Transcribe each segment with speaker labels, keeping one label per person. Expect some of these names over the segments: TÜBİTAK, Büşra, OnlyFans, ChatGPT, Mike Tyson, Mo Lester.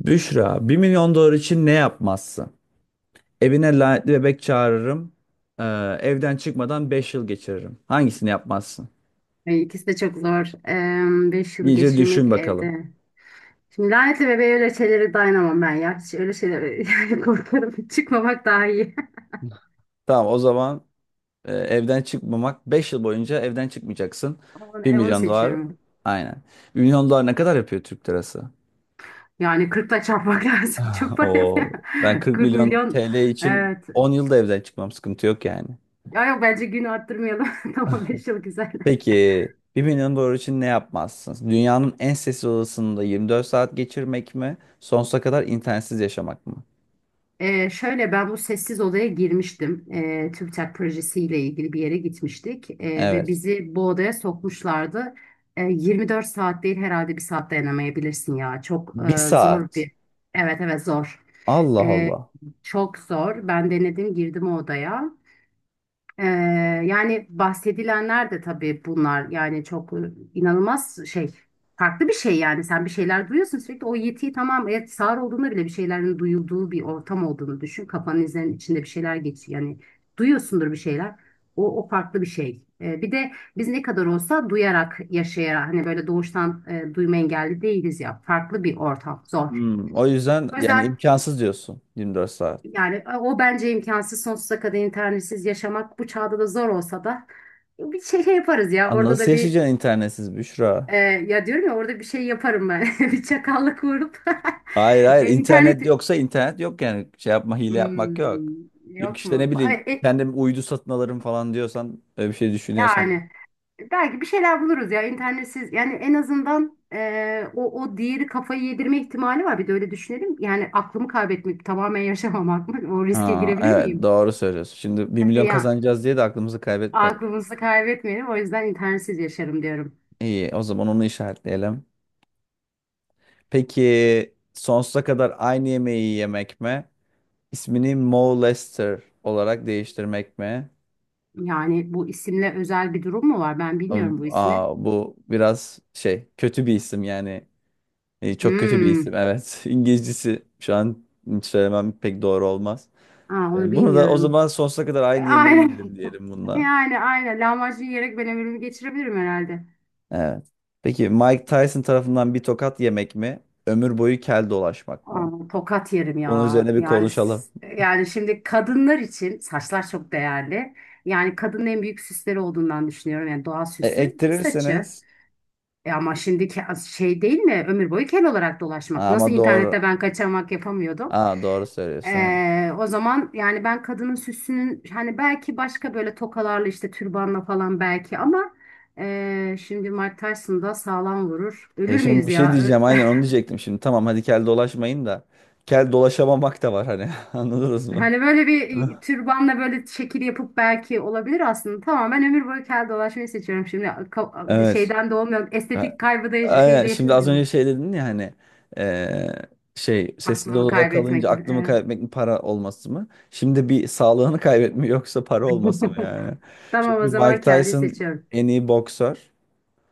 Speaker 1: Büşra, 1 milyon dolar için ne yapmazsın? Evine lanetli bebek çağırırım. Ee, evden çıkmadan 5 yıl geçiririm. Hangisini yapmazsın?
Speaker 2: Ay, İkisi de çok zor. Beş yılı
Speaker 1: İyice
Speaker 2: geçirmek
Speaker 1: düşün bakalım.
Speaker 2: evde. Şimdi lanetli bebeğe öyle şeylere dayanamam ben ya. Hiç öyle şeylere yani korkarım. Çıkmamak daha iyi.
Speaker 1: Tamam o zaman evden çıkmamak, 5 yıl boyunca evden çıkmayacaksın.
Speaker 2: Ama
Speaker 1: Bir
Speaker 2: onu
Speaker 1: milyon dolar
Speaker 2: seçiyorum.
Speaker 1: aynen. 1 milyon dolar ne kadar yapıyor Türk lirası?
Speaker 2: Yani 40'la çarpmak lazım. Çok para yapıyor.
Speaker 1: Oo, ben 40
Speaker 2: 40
Speaker 1: milyon
Speaker 2: milyon.
Speaker 1: TL için
Speaker 2: Evet.
Speaker 1: 10 yılda evden çıkmam, sıkıntı yok yani.
Speaker 2: Ya yok, bence gün arttırmayalım. Tamam, 5 yıl güzel.
Speaker 1: Peki 1 milyon dolar için ne yapmazsın? Dünyanın en sessiz odasında 24 saat geçirmek mi? Sonsuza kadar internetsiz yaşamak mı?
Speaker 2: Şöyle, ben bu sessiz odaya girmiştim. TÜBİTAK projesiyle ilgili bir yere gitmiştik ve
Speaker 1: Evet.
Speaker 2: bizi bu odaya sokmuşlardı. 24 saat değil, herhalde bir saat dayanamayabilirsin ya. Çok
Speaker 1: Bir
Speaker 2: zor
Speaker 1: saat.
Speaker 2: bir. Evet evet, zor.
Speaker 1: Allah
Speaker 2: Ee,
Speaker 1: Allah.
Speaker 2: Çok zor. Ben denedim, girdim o odaya. Ee, Yani bahsedilenler de tabii bunlar. Yani çok inanılmaz şey, farklı bir şey. Yani sen bir şeyler duyuyorsun sürekli o yetiyi, tamam, evet, sağır olduğunda bile bir şeylerin duyulduğu bir ortam olduğunu düşün, kafanın izlerinin içinde bir şeyler geçiyor yani. Duyuyorsundur bir şeyler. O farklı bir şey. Bir de biz ne kadar olsa duyarak yaşayarak, hani böyle doğuştan duyma engelli değiliz ya, farklı bir ortam zor.
Speaker 1: Hmm, o yüzden
Speaker 2: O
Speaker 1: yani
Speaker 2: yüzden
Speaker 1: imkansız diyorsun 24 saat.
Speaker 2: yani o bence imkansız. Sonsuza kadar internetsiz yaşamak bu çağda da zor olsa da, bir şey, şey yaparız ya
Speaker 1: Aa,
Speaker 2: orada
Speaker 1: nasıl
Speaker 2: da bir.
Speaker 1: yaşayacaksın internetsiz Büşra?
Speaker 2: Ya diyorum ya, orada bir şey yaparım ben. Bir çakallık vurup
Speaker 1: Hayır, hayır, internet
Speaker 2: internet.
Speaker 1: yoksa internet yok, yani şey yapma, hile yapmak yok.
Speaker 2: Hmm,
Speaker 1: Yok
Speaker 2: yok
Speaker 1: işte, ne
Speaker 2: mu? Ay,
Speaker 1: bileyim, kendim uydu satın alırım falan diyorsan, öyle bir şey düşünüyorsan.
Speaker 2: yani belki bir şeyler buluruz ya internetsiz. Yani en azından o diğeri kafayı yedirme ihtimali var, bir de öyle düşünelim yani. Aklımı kaybetmek, tamamen yaşamamak mı? O riske
Speaker 1: Ha,
Speaker 2: girebilir
Speaker 1: evet,
Speaker 2: miyim?
Speaker 1: doğru söylüyorsun. Şimdi 1 milyon
Speaker 2: Yani
Speaker 1: kazanacağız diye de aklımızı kaybetmeyelim.
Speaker 2: aklımızı kaybetmeyelim. O yüzden internetsiz yaşarım diyorum.
Speaker 1: İyi, o zaman onu işaretleyelim. Peki sonsuza kadar aynı yemeği yemek mi? İsmini Mo Lester olarak değiştirmek mi?
Speaker 2: Yani bu isimle özel bir durum mu var? Ben bilmiyorum bu
Speaker 1: Aa,
Speaker 2: ismi.
Speaker 1: bu biraz şey, kötü bir isim yani. Çok kötü bir isim,
Speaker 2: Hmm.
Speaker 1: evet. İngilizcesi şu an hiç söylemem, pek doğru olmaz.
Speaker 2: Aa, onu
Speaker 1: Bunu da o
Speaker 2: bilmiyorum.
Speaker 1: zaman sonsuza kadar aynı yemeği
Speaker 2: Aynen.
Speaker 1: yerim diyelim bununla.
Speaker 2: Yani aynen. Lahmacun yiyerek ben ömrümü geçirebilirim herhalde.
Speaker 1: Evet. Peki Mike Tyson tarafından bir tokat yemek mi? Ömür boyu kel dolaşmak mı?
Speaker 2: Aa, tokat yerim
Speaker 1: Bunun
Speaker 2: ya.
Speaker 1: üzerine bir
Speaker 2: Yani
Speaker 1: konuşalım.
Speaker 2: yani şimdi kadınlar için saçlar çok değerli. Yani kadının en büyük süsleri olduğundan düşünüyorum. Yani doğal süsü saçı.
Speaker 1: Ektirirseniz.
Speaker 2: Ama şimdiki şey değil mi? Ömür boyu kel olarak dolaşmak.
Speaker 1: Ha,
Speaker 2: Nasıl
Speaker 1: ama
Speaker 2: internette
Speaker 1: doğru.
Speaker 2: ben kaçamak yapamıyordum.
Speaker 1: Ha, doğru söylüyorsun. Ha.
Speaker 2: O zaman yani ben kadının süsünün hani belki başka böyle tokalarla, işte türbanla falan belki ama şimdi Mike Tyson da sağlam vurur. Ölür
Speaker 1: Şimdi
Speaker 2: müyüz
Speaker 1: bir şey
Speaker 2: ya?
Speaker 1: diyeceğim. Aynen onu diyecektim şimdi. Tamam, hadi kel dolaşmayın da. Kel dolaşamamak da var hani. Anladınız mı?
Speaker 2: Hani böyle bir türbanla böyle şekil yapıp belki olabilir aslında. Tamam, ben ömür boyu kel dolaşmayı seçiyorum. Şimdi bir
Speaker 1: Evet.
Speaker 2: şeyden de olmuyor.
Speaker 1: A-
Speaker 2: Estetik kaybı da
Speaker 1: Aynen.
Speaker 2: şeyde
Speaker 1: Şimdi az önce
Speaker 2: yaşamıyorum.
Speaker 1: şey dedin ya hani, eee, şey, sessiz
Speaker 2: Aklımı
Speaker 1: odada kalınca
Speaker 2: kaybetmek.
Speaker 1: aklımı
Speaker 2: Evet.
Speaker 1: kaybetmek mi, para olması mı? Şimdi bir sağlığını kaybetme yoksa para olması mı yani?
Speaker 2: Tamam, o
Speaker 1: Çünkü
Speaker 2: zaman
Speaker 1: Mike
Speaker 2: kelliyi
Speaker 1: Tyson
Speaker 2: seçiyorum.
Speaker 1: en iyi boksör.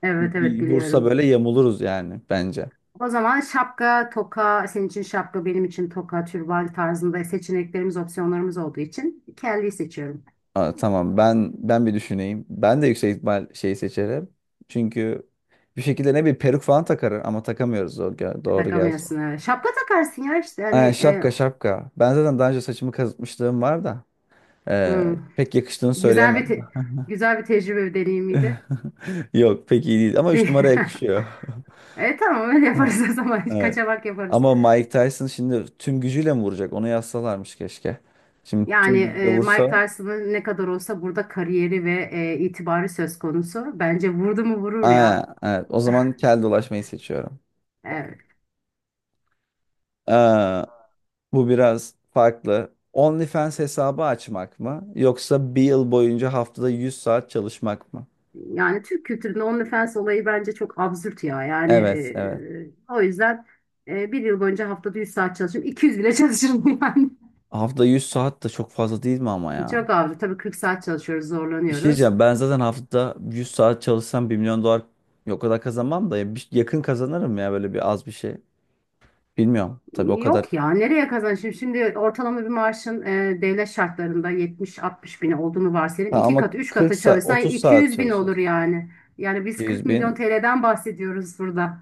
Speaker 2: Evet evet,
Speaker 1: Bir vursa
Speaker 2: biliyorum.
Speaker 1: böyle yamuluruz yani bence.
Speaker 2: O zaman şapka, toka, senin için şapka, benim için toka, türban tarzında seçeneklerimiz, opsiyonlarımız olduğu için kelliyi seçiyorum.
Speaker 1: Aa, tamam, ben bir düşüneyim. Ben de yüksek ihtimal şeyi seçerim. Çünkü bir şekilde ne bir peruk falan takarım, ama takamıyoruz, doğru, doğru gerçi.
Speaker 2: Takamıyorsun, evet. Şapka takarsın ya işte, hani
Speaker 1: Aynen, şapka şapka. Ben zaten daha önce saçımı kazıtmışlığım var da
Speaker 2: hmm,
Speaker 1: pek yakıştığını
Speaker 2: güzel bir
Speaker 1: söyleyemem.
Speaker 2: güzel bir tecrübe, bir deneyimiydi.
Speaker 1: Yok, pek iyi değil ama
Speaker 2: De
Speaker 1: 3 numara yakışıyor.
Speaker 2: tamam, öyle
Speaker 1: Ha,
Speaker 2: yaparız o zaman.
Speaker 1: evet.
Speaker 2: Kaçamak yaparız.
Speaker 1: Ama Mike Tyson şimdi tüm gücüyle mi vuracak? Onu yazsalarmış keşke. Şimdi
Speaker 2: Yani
Speaker 1: tüm gücüyle
Speaker 2: Mike
Speaker 1: vursa.
Speaker 2: Tyson'ın ne kadar olsa burada kariyeri ve itibarı söz konusu. Bence vurdu mu vurur
Speaker 1: Aynen,
Speaker 2: ya.
Speaker 1: evet. O zaman kel dolaşmayı seçiyorum.
Speaker 2: E,
Speaker 1: Aa, bu biraz farklı. OnlyFans hesabı açmak mı, yoksa bir yıl boyunca haftada 100 saat çalışmak mı?
Speaker 2: Yani Türk kültüründe OnlyFans olayı bence çok absürt ya. Yani
Speaker 1: Evet, evet.
Speaker 2: o yüzden bir yıl boyunca haftada 100 saat çalışırım. 200 bile çalışırım yani.
Speaker 1: Haftada 100 saat de çok fazla değil mi ama ya?
Speaker 2: Çok absürt. Tabii 40 saat çalışıyoruz,
Speaker 1: Bir şey
Speaker 2: zorlanıyoruz.
Speaker 1: diyeceğim. Ben zaten haftada 100 saat çalışsam 1 milyon dolar o kadar kazanmam da ya, yakın kazanırım ya böyle, bir az bir şey. Bilmiyorum. Tabii o kadar.
Speaker 2: Yok ya, nereye kazançım? Şimdi ortalama bir maaşın devlet şartlarında 70-60 bin olduğunu varsayalım.
Speaker 1: Ha,
Speaker 2: İki
Speaker 1: ama
Speaker 2: katı 3
Speaker 1: 40
Speaker 2: katı
Speaker 1: saat,
Speaker 2: çalışsan
Speaker 1: 30 saat
Speaker 2: 200 bin olur
Speaker 1: çalışırız.
Speaker 2: yani. Yani biz 40
Speaker 1: 100
Speaker 2: milyon
Speaker 1: bin.
Speaker 2: TL'den bahsediyoruz burada.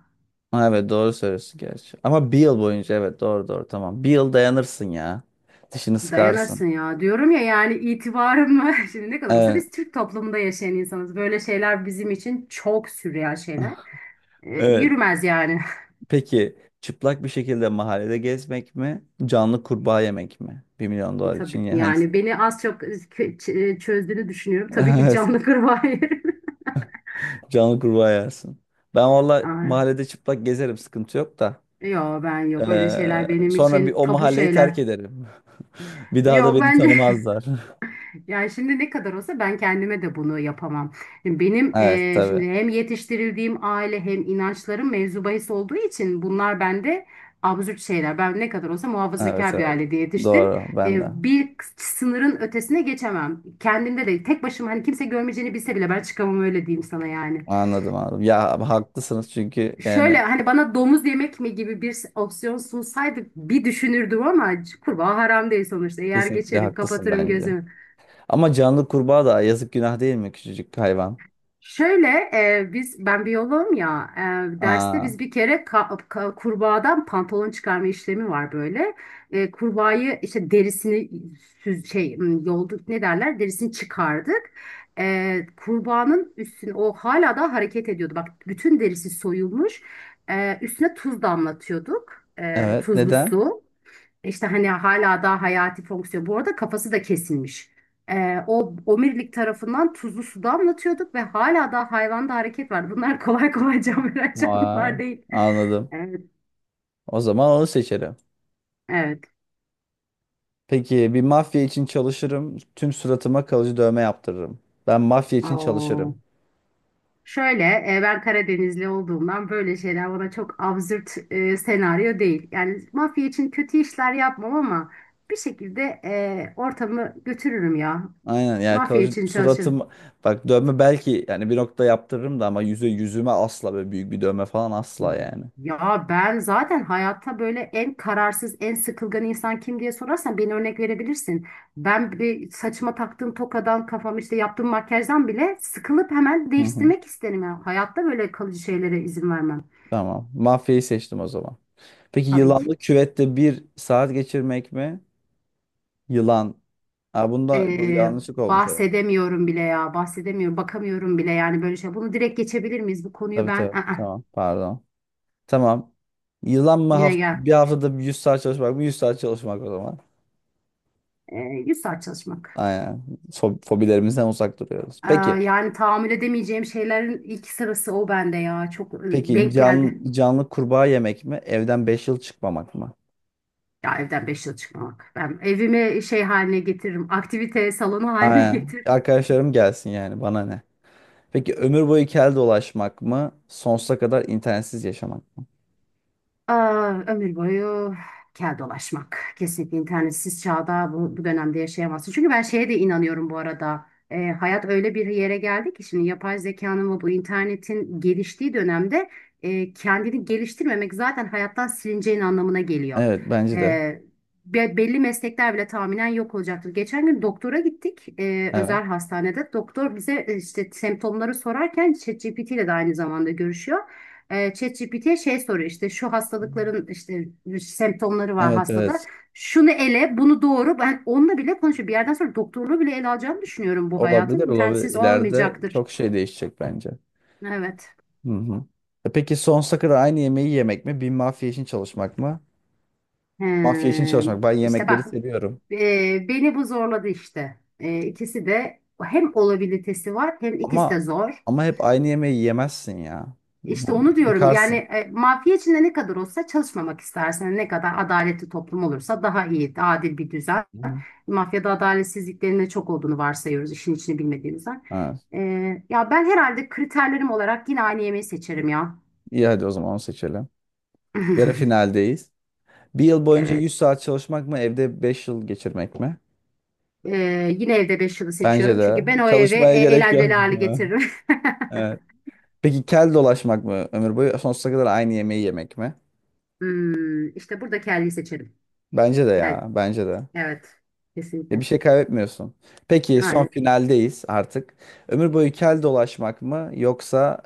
Speaker 1: Ha, evet, doğru söylüyorsun gerçi. Ama bir yıl boyunca, evet, doğru, doğru, tamam. Bir yıl dayanırsın ya. Dişini sıkarsın.
Speaker 2: Dayanırsın ya diyorum ya, yani itibarımı şimdi ne kadar olsa
Speaker 1: Evet.
Speaker 2: biz Türk toplumunda yaşayan insanız. Böyle şeyler bizim için çok sürreal şeyler.
Speaker 1: Evet.
Speaker 2: Yürümez yani.
Speaker 1: Peki çıplak bir şekilde mahallede gezmek mi? Canlı kurbağa yemek mi? Bir milyon dolar için
Speaker 2: Tabii
Speaker 1: hangisi?
Speaker 2: yani beni az çok çözdüğünü düşünüyorum. Tabii ki
Speaker 1: Evet,
Speaker 2: canlı kurbağa yerim.
Speaker 1: canlı kurbağa yersin. Ben valla
Speaker 2: Ay,
Speaker 1: mahallede çıplak gezerim, sıkıntı yok da.
Speaker 2: yok, ben yok öyle şeyler, benim
Speaker 1: Sonra bir
Speaker 2: için
Speaker 1: o
Speaker 2: tabu
Speaker 1: mahalleyi terk
Speaker 2: şeyler.
Speaker 1: ederim. Bir daha da
Speaker 2: Yok
Speaker 1: beni
Speaker 2: bence.
Speaker 1: tanımazlar.
Speaker 2: Yani şimdi ne kadar olsa ben kendime de bunu yapamam. Şimdi benim
Speaker 1: Evet, tabii.
Speaker 2: şimdi hem yetiştirildiğim aile hem inançlarım mevzu bahis olduğu için bunlar bende absürt şeyler. Ben ne kadar olsa
Speaker 1: Evet,
Speaker 2: muhafazakar bir
Speaker 1: evet.
Speaker 2: ailede yetiştim.
Speaker 1: Doğru, ben de.
Speaker 2: Bir sınırın ötesine geçemem. Kendimde de tek başıma, hani kimse görmeyeceğini bilse bile ben çıkamam, öyle diyeyim sana yani.
Speaker 1: Anladım, anladım. Ya, haklısınız çünkü
Speaker 2: Şöyle,
Speaker 1: yani
Speaker 2: hani bana domuz yemek mi gibi bir opsiyon sunsaydı bir düşünürdüm ama kurbağa haram değil sonuçta. Yer
Speaker 1: kesinlikle
Speaker 2: geçerim,
Speaker 1: haklısın
Speaker 2: kapatırım
Speaker 1: bence.
Speaker 2: gözümü.
Speaker 1: Ama canlı kurbağa da yazık, günah değil mi, küçücük hayvan?
Speaker 2: Şöyle ben biyoloğum ya, derste
Speaker 1: Aa.
Speaker 2: biz bir kere kurbağadan pantolon çıkarma işlemi var böyle. Kurbağayı işte derisini yolduk, ne derler, derisini çıkardık. Kurbağanın üstüne, o hala da hareket ediyordu. Bak, bütün derisi soyulmuş. Üstüne tuz damlatıyorduk.
Speaker 1: Evet.
Speaker 2: Tuzlu
Speaker 1: Neden?
Speaker 2: su. İşte hani hala daha hayati fonksiyon. Bu arada kafası da kesilmiş. O omirlik tarafından tuzlu suda anlatıyorduk ve hala daha hayvanda hareket var. Bunlar kolay kolay can veren
Speaker 1: Vay,
Speaker 2: canlılar değil.
Speaker 1: anladım.
Speaker 2: Evet,
Speaker 1: O zaman onu seçerim.
Speaker 2: evet.
Speaker 1: Peki bir mafya için çalışırım. Tüm suratıma kalıcı dövme yaptırırım. Ben mafya için çalışırım.
Speaker 2: Oo. Şöyle ben Karadenizli olduğumdan böyle şeyler bana çok absürt senaryo değil. Yani mafya için kötü işler yapmam ama bir şekilde ortamı götürürüm ya.
Speaker 1: Aynen, yani
Speaker 2: Mafya
Speaker 1: kalıcı
Speaker 2: için çalışırım.
Speaker 1: suratım, bak, dövme belki yani bir nokta yaptırırım da, ama yüzüme asla böyle büyük bir dövme falan, asla yani.
Speaker 2: Ya ben zaten hayatta böyle en kararsız, en sıkılgan insan kim diye sorarsan beni örnek verebilirsin. Ben bir saçıma taktığım tokadan, kafam işte yaptığım makyajdan bile sıkılıp hemen
Speaker 1: Hı hı.
Speaker 2: değiştirmek isterim. Yani hayatta böyle kalıcı şeylere izin vermem,
Speaker 1: Tamam. Mafyayı seçtim o zaman. Peki
Speaker 2: tabii ki.
Speaker 1: yılanlı küvette bir saat geçirmek mi? Yılan. Aa, bunda bu
Speaker 2: Ee,
Speaker 1: yanlışlık olmuş herhalde.
Speaker 2: Bahsedemiyorum bile ya, bahsedemiyorum, bakamıyorum bile, yani böyle şey. Bunu direkt geçebilir miyiz? Bu konuyu
Speaker 1: Tabii,
Speaker 2: ben,
Speaker 1: tabii.
Speaker 2: Aa,
Speaker 1: Tamam. Pardon. Tamam. Yılan mı,
Speaker 2: yine gel.
Speaker 1: haftada bir 100 saat çalışmak mı? 100 saat çalışmak o zaman.
Speaker 2: Ee, 100 saat çalışmak.
Speaker 1: Aynen. Fobilerimizden uzak duruyoruz.
Speaker 2: Ee,
Speaker 1: Peki.
Speaker 2: Yani tahammül edemeyeceğim şeylerin ilk sırası o bende ya. Çok
Speaker 1: Peki
Speaker 2: denk geldi.
Speaker 1: canlı kurbağa yemek mi? Evden 5 yıl çıkmamak mı?
Speaker 2: Ya evden 5 yıl çıkmamak. Ben evimi şey haline getiririm. Aktivite salonu haline
Speaker 1: Aynen.
Speaker 2: getiririm.
Speaker 1: Arkadaşlarım gelsin, yani bana ne? Peki ömür boyu kel dolaşmak mı? Sonsuza kadar internetsiz yaşamak mı?
Speaker 2: Aa, ömür boyu kel dolaşmak. Kesinlikle internetsiz çağda bu dönemde yaşayamazsın. Çünkü ben şeye de inanıyorum bu arada. Hayat öyle bir yere geldi ki şimdi yapay zekanın ve bu internetin geliştiği dönemde, kendini geliştirmemek zaten hayattan silineceğin anlamına geliyor.
Speaker 1: Evet, bence de.
Speaker 2: Ee, belli meslekler bile tahminen yok olacaktır. Geçen gün doktora gittik,
Speaker 1: Evet.
Speaker 2: özel hastanede. Doktor bize işte semptomları sorarken ChatGPT ile de aynı zamanda görüşüyor. ChatGPT'ye şey soruyor, işte şu hastalıkların işte semptomları var
Speaker 1: Evet,
Speaker 2: hastada.
Speaker 1: evet.
Speaker 2: Şunu ele, bunu doğru. Ben onunla bile konuşuyorum. Bir yerden sonra doktorluğu bile ele alacağını düşünüyorum bu hayatın.
Speaker 1: Olabilir, olabilir.
Speaker 2: İnternetsiz
Speaker 1: İleride
Speaker 2: olmayacaktır.
Speaker 1: çok şey değişecek bence.
Speaker 2: Evet.
Speaker 1: Hı hı. Peki sonsuza kadar aynı yemeği yemek mi? Bir mafya için çalışmak mı? Mafya için
Speaker 2: Ee,
Speaker 1: çalışmak. Ben
Speaker 2: işte
Speaker 1: yemekleri
Speaker 2: bak,
Speaker 1: seviyorum.
Speaker 2: e, beni bu zorladı işte. İkisi de hem olabilitesi var hem ikisi
Speaker 1: Ama
Speaker 2: de zor.
Speaker 1: ama hep aynı yemeği yemezsin ya.
Speaker 2: İşte onu diyorum yani
Speaker 1: Bıkarsın.
Speaker 2: mafya içinde ne kadar olsa çalışmamak istersen, ne kadar adaletli toplum olursa daha iyi, adil bir düzen.
Speaker 1: Hı hı.
Speaker 2: Mafyada adaletsizliklerin de çok olduğunu varsayıyoruz, işin içini bilmediğimizden.
Speaker 1: Ha,
Speaker 2: Ya ben herhalde kriterlerim olarak yine aynı yemeği seçerim ya.
Speaker 1: iyi, hadi o zaman onu seçelim. Yarı finaldeyiz. Bir yıl boyunca
Speaker 2: Evet.
Speaker 1: 100 saat çalışmak mı? Evde 5 yıl geçirmek mi?
Speaker 2: Yine evde 5 yılı
Speaker 1: Bence
Speaker 2: seçiyorum.
Speaker 1: de.
Speaker 2: Çünkü ben o eve
Speaker 1: Çalışmaya gerek
Speaker 2: eğlenceli
Speaker 1: yok.
Speaker 2: hale getiririm.
Speaker 1: Evet. Peki kel dolaşmak mı ömür boyu? Sonsuza kadar aynı yemeği yemek mi?
Speaker 2: Hmm, işte burada kelleyi seçerim.
Speaker 1: Bence de
Speaker 2: Kel,
Speaker 1: ya. Bence de.
Speaker 2: evet.
Speaker 1: Ya bir
Speaker 2: Kesinlikle.
Speaker 1: şey kaybetmiyorsun. Peki son
Speaker 2: Yani
Speaker 1: finaldeyiz artık. Ömür boyu kel dolaşmak mı yoksa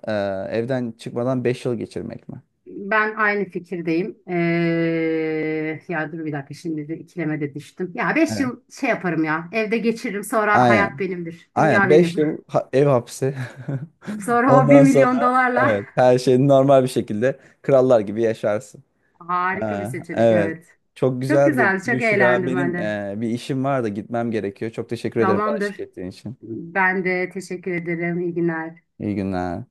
Speaker 1: evden çıkmadan 5 yıl geçirmek mi?
Speaker 2: ben aynı fikirdeyim. Ya dur bir dakika, şimdi de ikileme de düştüm. Ya beş
Speaker 1: Evet.
Speaker 2: yıl şey yaparım ya. Evde geçiririm, sonra hayat
Speaker 1: Aynen.
Speaker 2: benimdir.
Speaker 1: Aynen
Speaker 2: Dünya
Speaker 1: beş
Speaker 2: benim.
Speaker 1: yıl ev hapsi.
Speaker 2: Sonra o bir
Speaker 1: Ondan
Speaker 2: milyon
Speaker 1: sonra,
Speaker 2: dolarla
Speaker 1: evet, her şey normal bir şekilde krallar gibi yaşarsın.
Speaker 2: harika bir seçenek,
Speaker 1: Evet.
Speaker 2: evet.
Speaker 1: Çok
Speaker 2: Çok
Speaker 1: güzeldi
Speaker 2: güzel, çok
Speaker 1: Büşra.
Speaker 2: eğlendim ben
Speaker 1: Benim
Speaker 2: de.
Speaker 1: bir işim var da gitmem gerekiyor. Çok teşekkür ederim bana eşlik
Speaker 2: Tamamdır.
Speaker 1: ettiğin için.
Speaker 2: Ben de teşekkür ederim. İyi günler.
Speaker 1: İyi günler.